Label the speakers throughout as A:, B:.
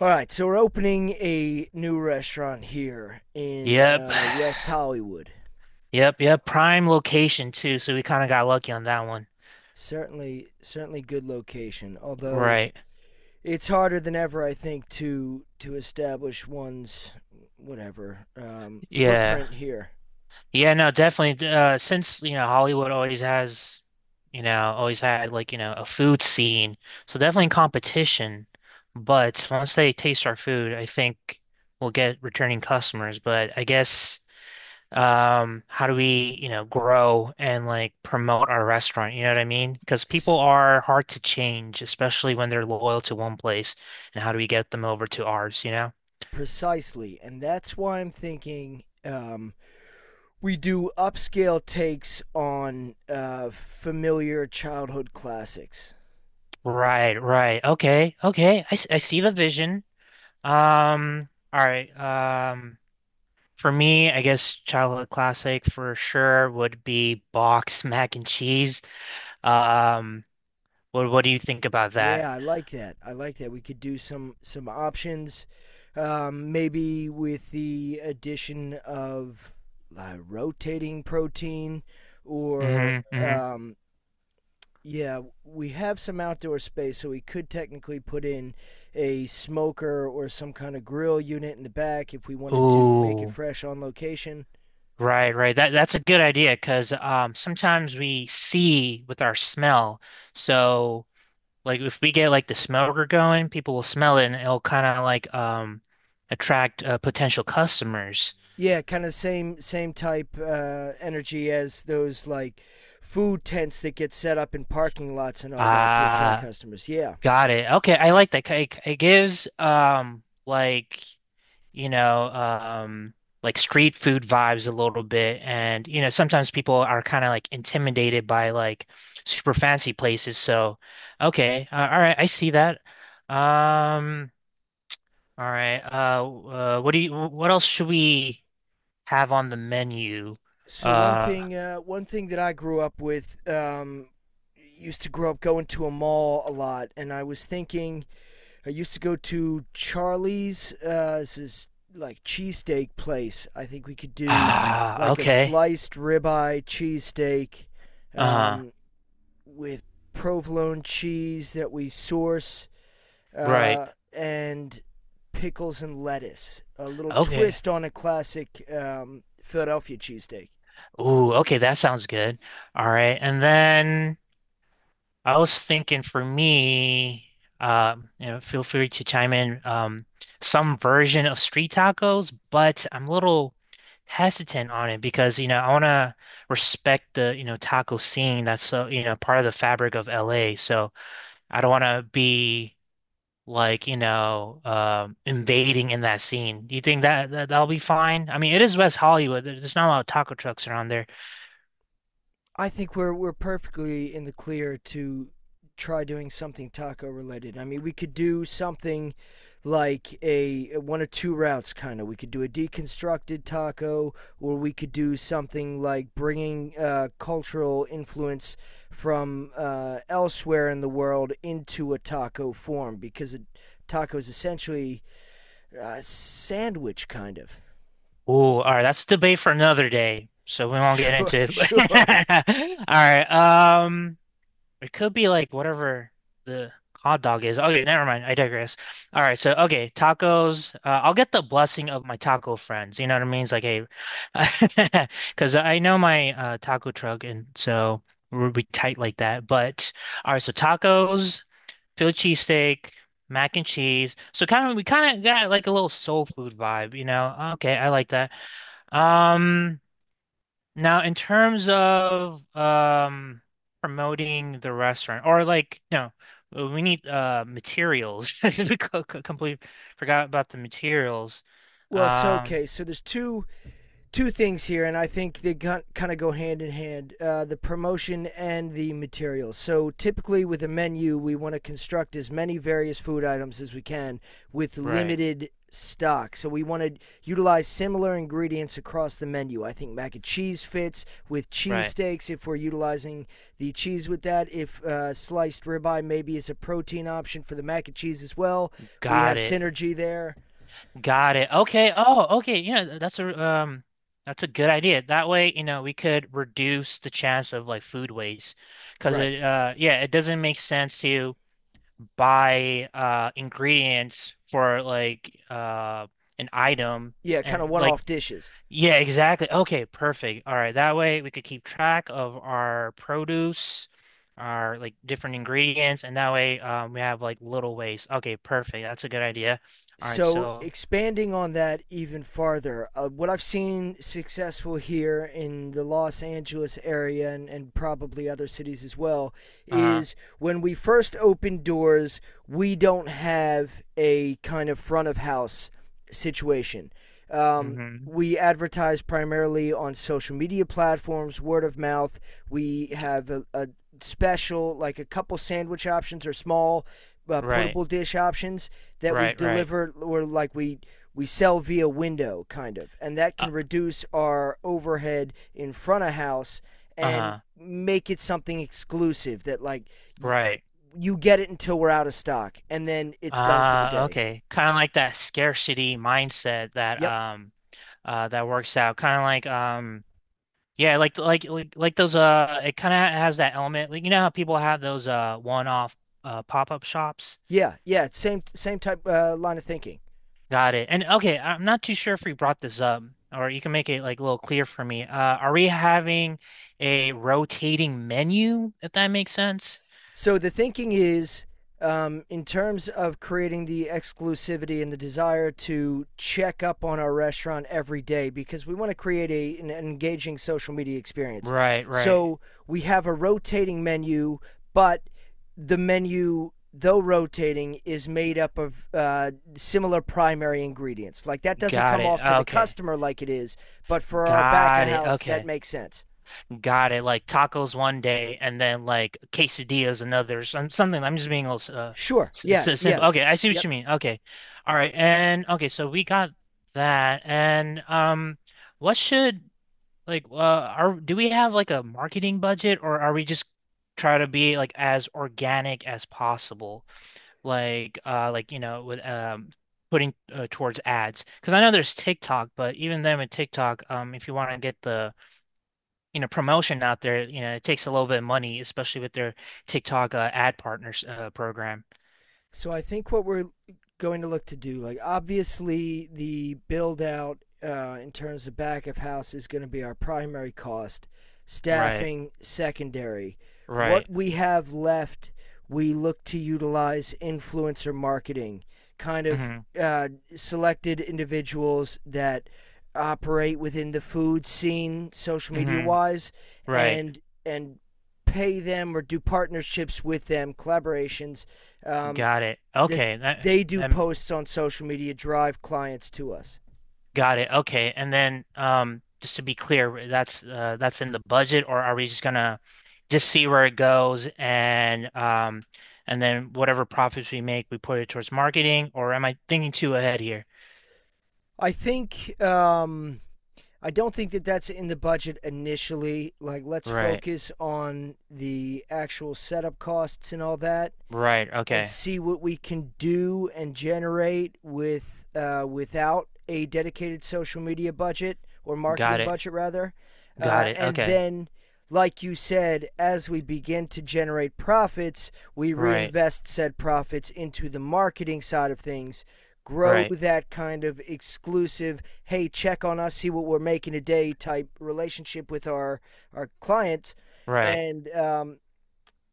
A: All right, so we're opening a new restaurant here in
B: Yep.
A: West Hollywood.
B: Yep. Prime location too, so we kind of got lucky on that one.
A: Certainly, certainly good location. Although
B: Right.
A: it's harder than ever, I think, to establish one's whatever
B: Yeah.
A: footprint here.
B: Yeah, no, definitely. Since, Hollywood always had a food scene. So definitely competition. But once they taste our food, I think we'll get returning customers. But I guess how do we grow and like promote our restaurant, what I mean, because people
A: S-
B: are hard to change, especially when they're loyal to one place, and how do we get them over to ours?
A: Precisely, and that's why I'm thinking we do upscale takes on familiar childhood classics.
B: Right, right, okay, okay. I see the vision. All right. For me, I guess childhood classic for sure would be box mac and cheese. um what do you think about that?
A: Yeah, I like that. I like that. We could do some options, maybe with the addition of rotating protein, or
B: Mm-hmm, mm-hmm.
A: yeah, we have some outdoor space, so we could technically put in a smoker or some kind of grill unit in the back if we wanted to make it
B: Ooh.
A: fresh on location.
B: Right, right. That's a good idea, because sometimes we see with our smell. So, like, if we get like the smoker going, people will smell it, and it'll kind of like attract potential customers.
A: Yeah, kind of same type energy as those like food tents that get set up in parking lots and all that to attract
B: Ah,
A: customers. Yeah.
B: got it. Okay, I like that. It gives like, you know, um, like street food vibes a little bit. And, you know, sometimes people are kind of like intimidated by like super fancy places. So, okay, all right, I see that. Um, all right. What else should we have on the menu?
A: So
B: Uh,
A: one thing that I grew up with, used to grow up going to a mall a lot, and I was thinking I used to go to Charlie's. This is like cheesesteak place. I think we could do
B: ah,
A: like a
B: okay.
A: sliced ribeye cheesesteak,
B: Uh,
A: um, with provolone cheese that we source,
B: right.
A: uh, and pickles and lettuce. A little
B: Okay.
A: twist on a classic Philadelphia cheesesteak.
B: Ooh, okay, that sounds good. All right. And then I was thinking for me, you know, feel free to chime in, some version of street tacos, but I'm a little hesitant on it because, you know, I want to respect the, you know, taco scene that's so, you know, part of the fabric of LA. So I don't want to be like, you know, invading in that scene. Do you think that, that'll be fine? I mean, it is West Hollywood. There's not a lot of taco trucks around there.
A: I think we're perfectly in the clear to try doing something taco related. I mean, we could do something like a one of two routes kind of. We could do a deconstructed taco, or we could do something like bringing cultural influence from elsewhere in the world into a taco form, because a taco is essentially a sandwich kind of.
B: Oh, all right. That's a debate for another day. So we won't get
A: Sure,
B: into it.
A: sure.
B: All right. It could be like whatever the hot dog is. Okay, never mind. I digress. All right. So okay, tacos. I'll get the blessing of my taco friends. You know what I mean? It's like, hey, because I know my taco truck, and so we'll be tight like that. But all right. So tacos, Philly cheesesteak. Mac and cheese. So we kind of got like a little soul food vibe, you know. Okay, I like that. Um, now in terms of promoting the restaurant or like no, we need materials. We completely forgot about the materials.
A: Well, so
B: Um,
A: okay, so there's two things here, and I think they kind of go hand in hand, the promotion and the materials. So typically with a menu, we want to construct as many various food items as we can with
B: right,
A: limited stock. So we want to utilize similar ingredients across the menu. I think mac and cheese fits with
B: right.
A: cheesesteaks if we're utilizing the cheese with that. If sliced ribeye maybe is a protein option for the mac and cheese as well, we
B: Got
A: have
B: it.
A: synergy there.
B: Got it. Okay. Oh, okay. You know, that's a good idea. That way, you know, we could reduce the chance of like food waste, because
A: Right.
B: it yeah, it doesn't make sense to buy ingredients for like an item,
A: Yeah, kind of
B: and
A: one
B: like
A: off dishes.
B: yeah, exactly. Okay, perfect. All right, that way we could keep track of our produce, our like different ingredients, and that way we have like little waste. Okay, perfect. That's a good idea. All right,
A: So
B: so
A: expanding on that even farther, what I've seen successful here in the Los Angeles area, and probably other cities as well,
B: uh
A: is when we first open doors, we don't have a kind of front of house situation. Um,
B: mm-hmm.
A: we advertise primarily on social media platforms, word of mouth. We have a special, like a couple sandwich options or small
B: Right,
A: portable dish options that we
B: right, right.
A: deliver, or like we sell via window kind of, and that
B: Uh,
A: can reduce our overhead in front of house and
B: uh-huh.
A: make it something exclusive that like y-
B: Right.
A: you get it until we're out of stock and then it's done for the day.
B: Okay. Kind of like that scarcity mindset that
A: Yep.
B: that works out. Kind of like yeah, like those it kind of has that element. Like you know how people have those one-off pop-up shops?
A: Yeah, yeah, same type line of thinking.
B: Got it. And okay, I'm not too sure if we brought this up or you can make it like a little clear for me. Are we having a rotating menu, if that makes sense?
A: So the thinking is, in terms of creating the exclusivity and the desire to check up on our restaurant every day, because we want to create a, an engaging social media experience.
B: Right, right.
A: So we have a rotating menu, but the menu, though rotating, is made up of similar primary ingredients. Like that doesn't
B: Got
A: come
B: it.
A: off to the
B: Okay.
A: customer like it is, but for our back of
B: Got it.
A: house, that
B: Okay.
A: makes sense.
B: Got it, like tacos one day and then like quesadillas another, something I'm just being a little
A: Sure. Yeah. Yeah.
B: simple. Okay, I see what
A: Yep.
B: you mean. Okay, all right. And okay, so we got that, and what should, are, do we have like a marketing budget, or are we just try to be like as organic as possible, like you know, with putting towards ads? Because I know there's TikTok, but even then, with TikTok, if you want to get the, you know, promotion out there, you know, it takes a little bit of money, especially with their TikTok ad partners program.
A: So I think what we're going to look to do, like obviously the build out in terms of back of house is going to be our primary cost,
B: Right,
A: staffing secondary.
B: right.
A: What we have left, we look to utilize influencer marketing, kind of
B: Mm-hmm,
A: uh, selected individuals that operate within the food scene, social media
B: mm-hmm.
A: wise,
B: Right.
A: and and pay them or do partnerships with them, collaborations, um,
B: Got it.
A: that
B: Okay, that,
A: they do
B: that,
A: posts on social media, drive clients to us.
B: got it. Okay. And then just to be clear, that's in the budget, or are we just gonna just see where it goes, and then whatever profits we make, we put it towards marketing? Or am I thinking too ahead here?
A: I think I don't think that that's in the budget initially. Like, let's
B: Right,
A: focus on the actual setup costs and all that.
B: right.
A: And
B: Okay.
A: see what we can do and generate with without a dedicated social media budget or
B: Got
A: marketing
B: it.
A: budget rather.
B: Got it.
A: And
B: Okay.
A: then, like you said, as we begin to generate profits, we
B: Right,
A: reinvest said profits into the marketing side of things. Grow
B: right.
A: that kind of exclusive, hey, check on us, see what we're making today type relationship with our clients.
B: Right.
A: And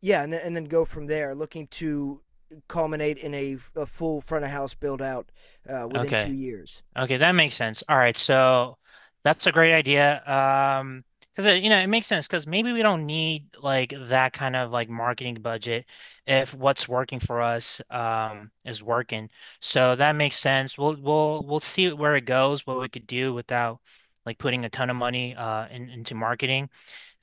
A: yeah, and then go from there, looking to culminate in a full front of house build out within two
B: Okay.
A: years.
B: Okay, that makes sense. All right, so that's a great idea. Because it, you know, it makes sense, because maybe we don't need like that kind of like marketing budget if what's working for us is working. So that makes sense. We'll see where it goes, what we could do without like putting a ton of money into marketing.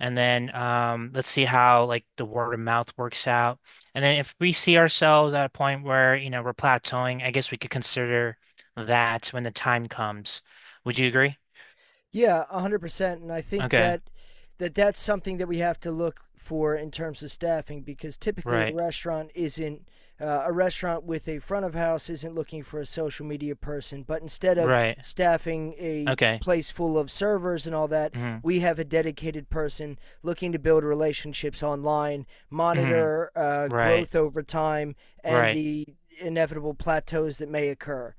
B: And then let's see how like the word of mouth works out. And then if we see ourselves at a point where, you know, we're plateauing, I guess we could consider that when the time comes. Would you agree?
A: Yeah, 100%. And I think
B: Okay.
A: that, that that's something that we have to look for in terms of staffing, because typically a
B: Right.
A: restaurant isn't a restaurant with a front of house isn't looking for a social media person, but instead of
B: Right.
A: staffing a
B: Okay.
A: place full of servers and all that,
B: Hmm.
A: we have a dedicated person looking to build relationships online,
B: Hmm.
A: monitor
B: Right.
A: growth over time, and
B: Right.
A: the inevitable plateaus that may occur.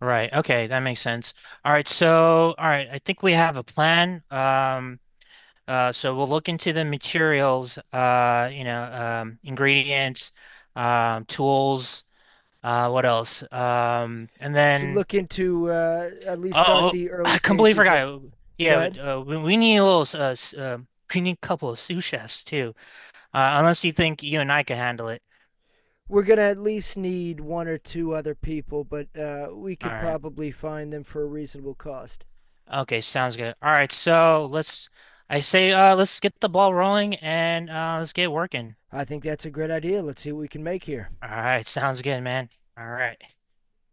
B: Right. Okay, that makes sense. All right, so all right, I think we have a plan. So we'll look into the materials, you know, ingredients, tools. What else? And
A: Should
B: then
A: look into at least
B: oh,
A: start
B: oh,
A: the early
B: I completely
A: stages of.
B: forgot.
A: Go
B: Yeah,
A: ahead.
B: we need a little we need a couple of sous chefs too. Unless you think you and I can handle it.
A: We're gonna at least need one or two other people, but we
B: All
A: could
B: right.
A: probably find them for a reasonable cost.
B: Okay, sounds good. All right, so let's. I say, let's get the ball rolling, and let's get working.
A: I think that's a great idea. Let's see what we can make here.
B: All right, sounds good, man. All right.